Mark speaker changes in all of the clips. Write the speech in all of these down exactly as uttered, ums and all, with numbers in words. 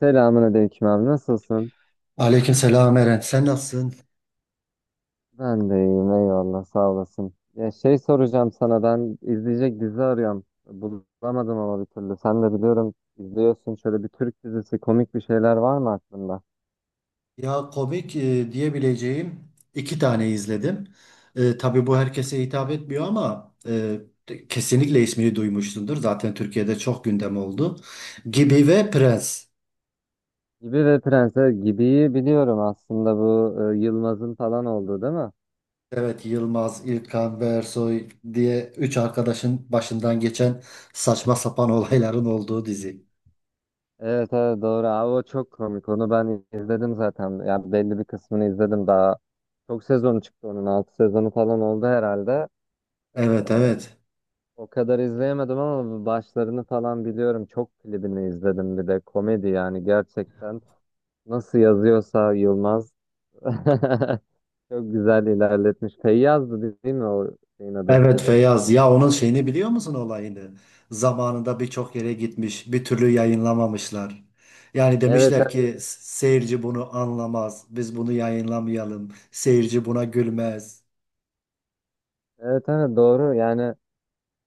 Speaker 1: Selamünaleyküm abi, nasılsın?
Speaker 2: Aleykümselam Eren. Sen nasılsın?
Speaker 1: Ben de iyiyim, eyvallah, sağ olasın. Ya şey soracağım sana, ben izleyecek dizi arıyorum. Bulamadım ama bir türlü. Sen de biliyorum izliyorsun, şöyle bir Türk dizisi, komik bir şeyler var mı aklında?
Speaker 2: Ya komik e, diyebileceğim iki tane izledim. E, tabii bu herkese hitap etmiyor ama e, te- kesinlikle ismini duymuşsundur. Zaten Türkiye'de çok gündem oldu. Gibi ve Prens.
Speaker 1: Gibi ve Prenses Gibi'yi biliyorum, aslında bu e, Yılmaz'ın falan olduğu değil mi?
Speaker 2: Evet, Yılmaz, İlkan ve Ersoy diye üç arkadaşın başından geçen saçma sapan olayların olduğu dizi.
Speaker 1: Evet, evet, doğru abi, o çok komik, onu ben izledim zaten. Yani belli bir kısmını izledim daha. Çok sezonu çıktı, onun altı sezonu falan oldu herhalde.
Speaker 2: Evet, evet.
Speaker 1: O kadar izleyemedim ama başlarını falan biliyorum. Çok klibini izledim, bir de komedi yani, gerçekten nasıl yazıyorsa Yılmaz çok güzel ilerletmiş. Feyyaz'dı değil mi o şeyin adı?
Speaker 2: Evet, Feyyaz, ya onun şeyini biliyor musun, olayını? Zamanında birçok yere gitmiş, bir türlü yayınlamamışlar. Yani
Speaker 1: Evet,
Speaker 2: demişler
Speaker 1: evet,
Speaker 2: ki seyirci bunu anlamaz, biz bunu yayınlamayalım, seyirci buna gülmez.
Speaker 1: evet, evet, doğru yani,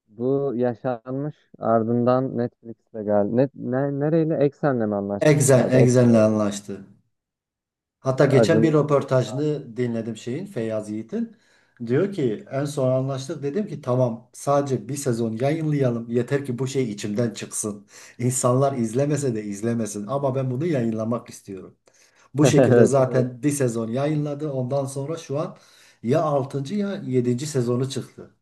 Speaker 1: bu yaşanmış, ardından Netflix'le geldi. Net, ne, nereyle? Eksen'le mi
Speaker 2: Exxen,
Speaker 1: anlaşmışlardı? Ek,
Speaker 2: Exxen'le anlaştı. Hatta geçen
Speaker 1: Acun.
Speaker 2: bir röportajını dinledim, şeyin, Feyyaz Yiğit'in. Diyor ki en son anlaştık, dedim ki tamam sadece bir sezon yayınlayalım, yeter ki bu şey içimden çıksın. İnsanlar izlemese de izlemesin ama ben bunu yayınlamak istiyorum. Bu şekilde, evet,
Speaker 1: Evet.
Speaker 2: zaten bir sezon yayınladı, ondan sonra şu an ya altıncı ya yedinci sezonu çıktı.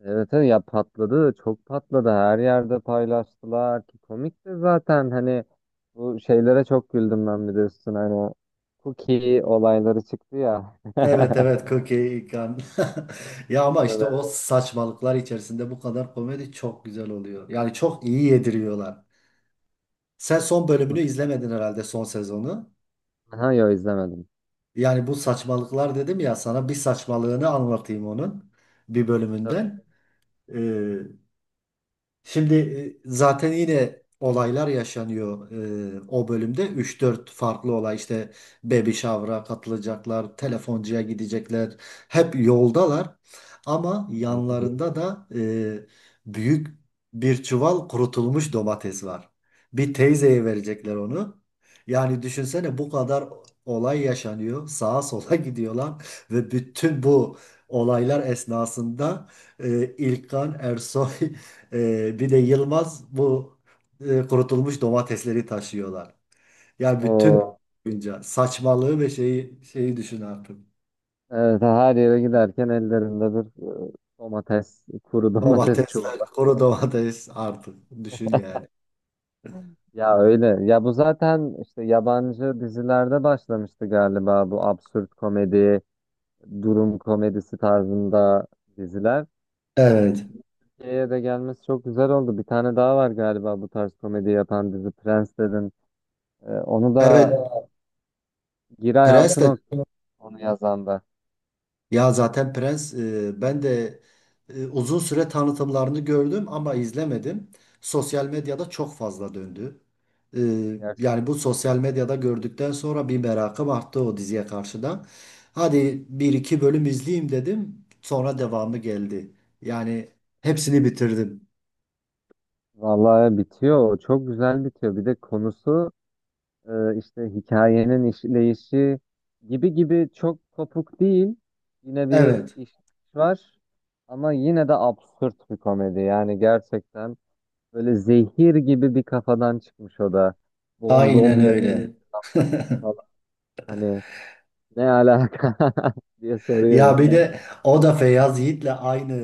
Speaker 1: Evet, evet ya, patladı, çok patladı, her yerde paylaştılar ki komik de zaten, hani bu şeylere çok güldüm ben, bir de üstüne hani cookie olayları çıktı ya.
Speaker 2: Evet, evet, Cookie Ikan. Ya ama
Speaker 1: Ya da
Speaker 2: işte o
Speaker 1: ben-
Speaker 2: saçmalıklar içerisinde bu kadar komedi çok güzel oluyor. Yani çok iyi yediriyorlar. Sen son bölümünü izlemedin herhalde, son sezonu.
Speaker 1: Aha, yo, izlemedim.
Speaker 2: Yani bu saçmalıklar, dedim ya sana, bir saçmalığını anlatayım onun bir
Speaker 1: Tabii.
Speaker 2: bölümünden. Ee, Şimdi e, zaten yine olaylar yaşanıyor e, o bölümde. Üç dört farklı olay işte, baby shower'a katılacaklar, telefoncuya gidecekler. Hep yoldalar ama
Speaker 1: Hı hı.
Speaker 2: yanlarında da e, büyük bir çuval kurutulmuş domates var. Bir teyzeye verecekler onu. Yani düşünsene bu kadar olay yaşanıyor. Sağa sola gidiyorlar ve bütün bu olaylar esnasında e, İlkan Ersoy Ee, bir de Yılmaz, bu e, kurutulmuş domatesleri taşıyorlar. Yani bütün
Speaker 1: O
Speaker 2: günce saçmalığı ve şeyi şeyi düşün artık.
Speaker 1: evet, her yere giderken ellerinde bir e, domates, kuru domates
Speaker 2: Domatesler,
Speaker 1: çuvalı.
Speaker 2: kuru domates artık, düşün yani.
Speaker 1: Ya öyle. Ya bu zaten işte yabancı dizilerde başlamıştı galiba, bu absürt komedi, durum komedisi tarzında diziler.
Speaker 2: Evet.
Speaker 1: Türkiye'ye de gelmesi çok güzel oldu. Bir tane daha var galiba bu tarz komedi yapan dizi, Prens dedin. Ee, onu
Speaker 2: Evet.
Speaker 1: da Giray
Speaker 2: Prens de.
Speaker 1: Altınok, onu yazan da.
Speaker 2: Ya zaten Prens, e, ben de e, uzun süre tanıtımlarını gördüm ama izlemedim. Sosyal medyada çok fazla döndü. E, Yani
Speaker 1: Gerçekten.
Speaker 2: bu sosyal medyada gördükten sonra bir merakım arttı o diziye karşı da. Hadi bir iki bölüm izleyeyim dedim. Sonra devamı geldi. Yani hepsini bitirdim.
Speaker 1: Vallahi bitiyor. O çok güzel bitiyor. Bir de konusu, e, işte hikayenin işleyişi gibi gibi çok kopuk değil. Yine bir
Speaker 2: Evet,
Speaker 1: iş var ama yine de absürt bir komedi. Yani gerçekten böyle zehir gibi bir kafadan çıkmış o da.
Speaker 2: aynen
Speaker 1: Bongom yazmış
Speaker 2: öyle.
Speaker 1: falan. Hani ne alaka diye soruyor
Speaker 2: Ya bir
Speaker 1: insan.
Speaker 2: de o da Feyyaz Yiğit'le aynı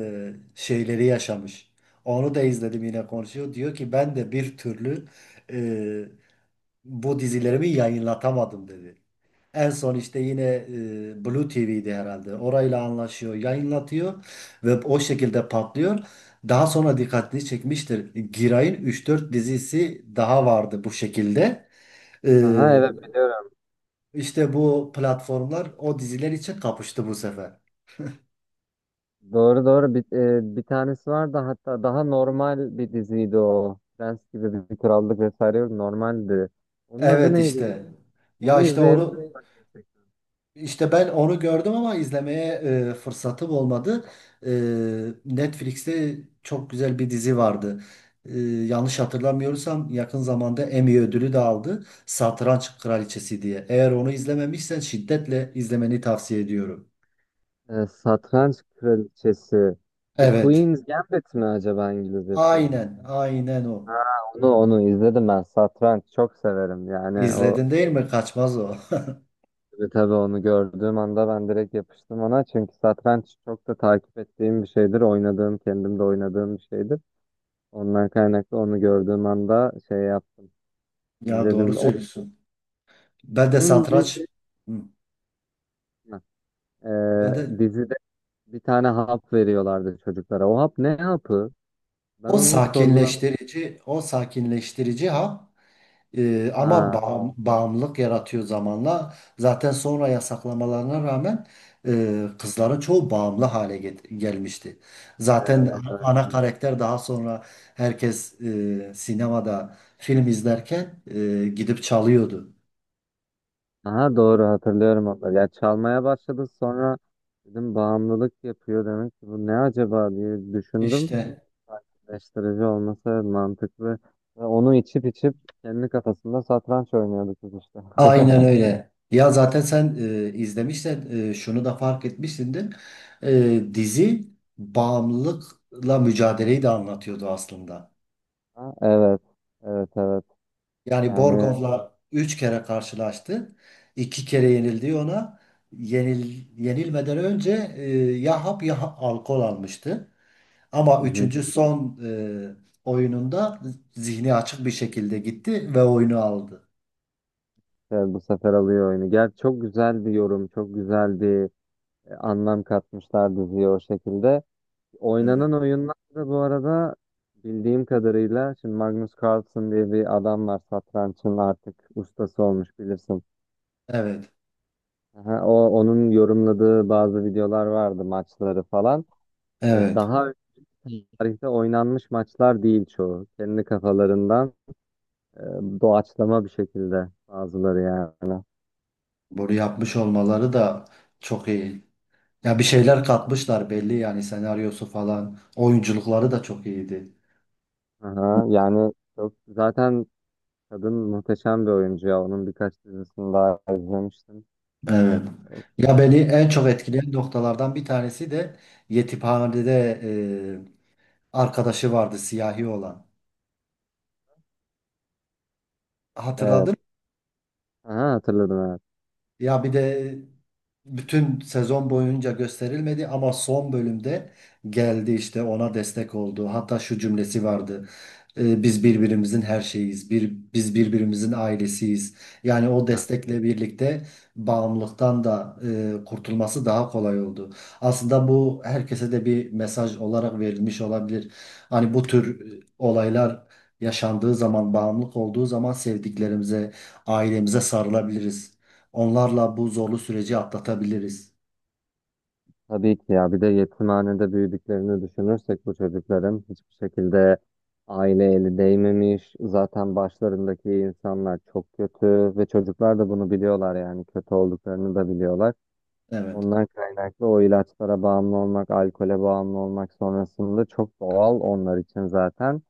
Speaker 2: şeyleri yaşamış. Onu da izledim, yine konuşuyor. Diyor ki ben de bir türlü e, bu dizilerimi yayınlatamadım, dedi. En son işte yine e, Blue T V'ydi herhalde. Orayla anlaşıyor, yayınlatıyor ve o şekilde patlıyor. Daha sonra dikkatini çekmiştir. Giray'ın üç dört dizisi daha vardı bu şekilde. E,
Speaker 1: Aha, evet, biliyorum.
Speaker 2: işte bu platformlar o diziler için kapıştı bu sefer.
Speaker 1: Doğru, doğru, bir, e, bir tanesi var da hatta, daha normal bir diziydi o. Prens gibi bir bir krallık vesaire yok, normaldi. Onun adı
Speaker 2: Evet,
Speaker 1: neydi ya?
Speaker 2: işte.
Speaker 1: Onu
Speaker 2: Ya işte onu,
Speaker 1: izleyebiliriz bak, gerçekten.
Speaker 2: işte ben onu gördüm ama izlemeye e, fırsatım olmadı. E, Netflix'te çok güzel bir dizi vardı. E, yanlış hatırlamıyorsam yakın zamanda Emmy ödülü de aldı. Satranç Kraliçesi diye. Eğer onu izlememişsen şiddetle izlemeni tavsiye ediyorum.
Speaker 1: E, Satranç Kraliçesi. The
Speaker 2: Evet.
Speaker 1: Queen's Gambit mi acaba İngilizcesi?
Speaker 2: Aynen, aynen o.
Speaker 1: Ha, onu onu izledim ben. Satranç çok severim. Yani o,
Speaker 2: İzledin değil mi? Kaçmaz o.
Speaker 1: E, tabii onu gördüğüm anda ben direkt yapıştım ona. Çünkü satranç çok da takip ettiğim bir şeydir. Oynadığım, kendim de oynadığım bir şeydir. Ondan kaynaklı onu gördüğüm anda şey yaptım,
Speaker 2: Ya doğru
Speaker 1: izledim.
Speaker 2: söylüyorsun. Ben de
Speaker 1: Onun bir şey,
Speaker 2: satranç. Hı.
Speaker 1: e,
Speaker 2: Ben de.
Speaker 1: dizide bir tane hap veriyorlardı çocuklara. O hap ne hapı? Ben
Speaker 2: O
Speaker 1: onu hiç sorgulamadım.
Speaker 2: sakinleştirici, o sakinleştirici, ha, e, ama
Speaker 1: Ha,
Speaker 2: bağım- bağımlılık yaratıyor zamanla. Zaten sonra yasaklamalarına rağmen e, kızların çoğu bağımlı hale get- gelmişti. Zaten
Speaker 1: evet,
Speaker 2: ana
Speaker 1: evet.
Speaker 2: ana karakter daha sonra, herkes e, sinemada film izlerken, e, gidip çalıyordu.
Speaker 1: Aha, doğru hatırlıyorum onları. Ya çalmaya başladı sonra, dedim bağımlılık yapıyor demek ki, bu ne acaba diye düşündüm.
Speaker 2: İşte,
Speaker 1: Eleştirici olması, evet, mantıklı. Ve onu içip içip kendi kafasında satranç oynuyordu kız işte.
Speaker 2: aynen öyle. Ya zaten sen, e, izlemişsen, e, şunu da fark etmişsindir. E, dizi bağımlılıkla mücadeleyi de anlatıyordu aslında.
Speaker 1: Ha, evet. Evet, evet.
Speaker 2: Yani
Speaker 1: Yani,
Speaker 2: Borgov'la üç kere karşılaştı. İki kere yenildi ona. Yenil, yenilmeden önce e, ya hap ya ha- alkol almıştı. Ama
Speaker 1: hı hı.
Speaker 2: üçüncü son e, oyununda zihni açık bir şekilde gitti ve oyunu aldı.
Speaker 1: Evet, bu sefer alıyor oyunu. Gel, çok güzel bir yorum, çok güzel bir e, anlam katmışlar diziye o şekilde.
Speaker 2: Evet.
Speaker 1: Oynanan oyunlar da bu arada, bildiğim kadarıyla, şimdi Magnus Carlsen diye bir adam var, satrançın artık ustası olmuş, bilirsin.
Speaker 2: Evet.
Speaker 1: Aha, o onun yorumladığı bazı videolar vardı, maçları falan. E,
Speaker 2: Evet.
Speaker 1: Daha tarihte oynanmış maçlar değil çoğu. Kendi kafalarından e, doğaçlama bir şekilde bazıları yani.
Speaker 2: Bunu yapmış olmaları da çok iyi. Ya bir şeyler katmışlar belli, yani senaryosu falan. Oyunculukları da çok iyiydi.
Speaker 1: Aha, yani çok zaten, kadın muhteşem bir oyuncu ya. Onun birkaç dizisini daha izlemiştim.
Speaker 2: Evet. Ya beni en çok etkileyen noktalardan bir tanesi de yetimhanede e, arkadaşı vardı, siyahi olan.
Speaker 1: Evet.
Speaker 2: Hatırladın?
Speaker 1: Aha, hatırladım, evet.
Speaker 2: Ya bir de bütün sezon boyunca gösterilmedi ama son bölümde geldi, işte ona destek oldu. Hatta şu cümlesi vardı: "E, Biz birbirimizin her şeyiz. Bir, biz birbirimizin ailesiyiz." Yani o
Speaker 1: Aha.
Speaker 2: destekle birlikte bağımlılıktan da e, kurtulması daha kolay oldu. Aslında bu herkese de bir mesaj olarak verilmiş olabilir. Hani bu tür e, olaylar yaşandığı zaman, bağımlılık olduğu zaman sevdiklerimize, ailemize sarılabiliriz. Onlarla bu zorlu süreci atlatabiliriz.
Speaker 1: Tabii ki ya. Bir de yetimhanede büyüdüklerini düşünürsek, bu çocukların hiçbir şekilde aile eli değmemiş. Zaten başlarındaki insanlar çok kötü ve çocuklar da bunu biliyorlar, yani kötü olduklarını da biliyorlar.
Speaker 2: Evet.
Speaker 1: Ondan kaynaklı o ilaçlara bağımlı olmak, alkole bağımlı olmak sonrasında çok doğal onlar için zaten.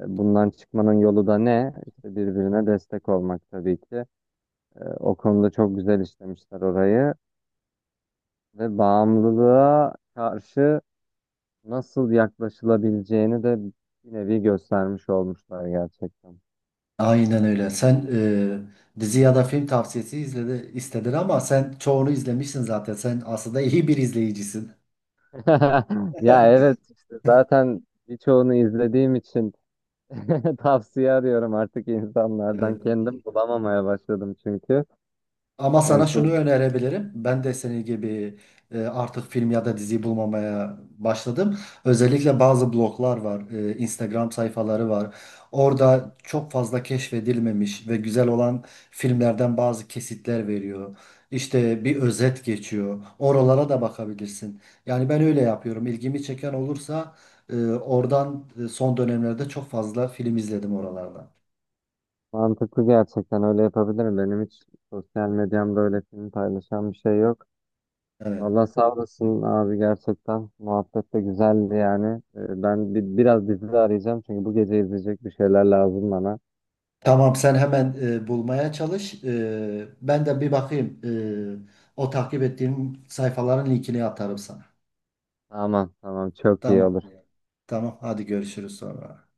Speaker 1: E, Bundan çıkmanın yolu da ne? İşte birbirine destek olmak tabii ki. E, O konuda çok güzel işlemişler orayı ve bağımlılığa karşı nasıl yaklaşılabileceğini de bir nevi göstermiş olmuşlar gerçekten.
Speaker 2: Aynen öyle. Sen, e, dizi ya da film tavsiyesi izledi, istedin ama sen çoğunu izlemişsin zaten. Sen aslında iyi bir izleyicisin.
Speaker 1: Ya evet, işte zaten birçoğunu izlediğim için tavsiye arıyorum artık insanlardan.
Speaker 2: Evet.
Speaker 1: Kendim bulamamaya başladım çünkü.
Speaker 2: Ama
Speaker 1: İşte en
Speaker 2: sana şunu
Speaker 1: son,
Speaker 2: önerebilirim. Ben de senin gibi e, artık film ya da dizi bulmamaya başladım. Özellikle bazı bloglar var, e, Instagram sayfaları var. Orada çok fazla keşfedilmemiş ve güzel olan filmlerden bazı kesitler veriyor. İşte bir özet geçiyor. Oralara da bakabilirsin. Yani ben öyle yapıyorum. İlgimi çeken olursa e, oradan e, son dönemlerde çok fazla film izledim oralarda.
Speaker 1: mantıklı gerçekten, öyle yapabilirim. Benim hiç sosyal medyamda öyle film paylaşan bir şey yok.
Speaker 2: Evet.
Speaker 1: Valla sağ olasın abi, gerçekten. Muhabbet de güzeldi yani. Ee, Ben bir, biraz dizi de arayacağım, çünkü bu gece izleyecek bir şeyler lazım bana.
Speaker 2: Tamam, sen hemen e, bulmaya çalış. E, ben de bir bakayım. E, o takip ettiğim sayfaların linkini atarım sana.
Speaker 1: Tamam, tamam, çok iyi
Speaker 2: Tamam.
Speaker 1: olur.
Speaker 2: Tamam, hadi görüşürüz sonra.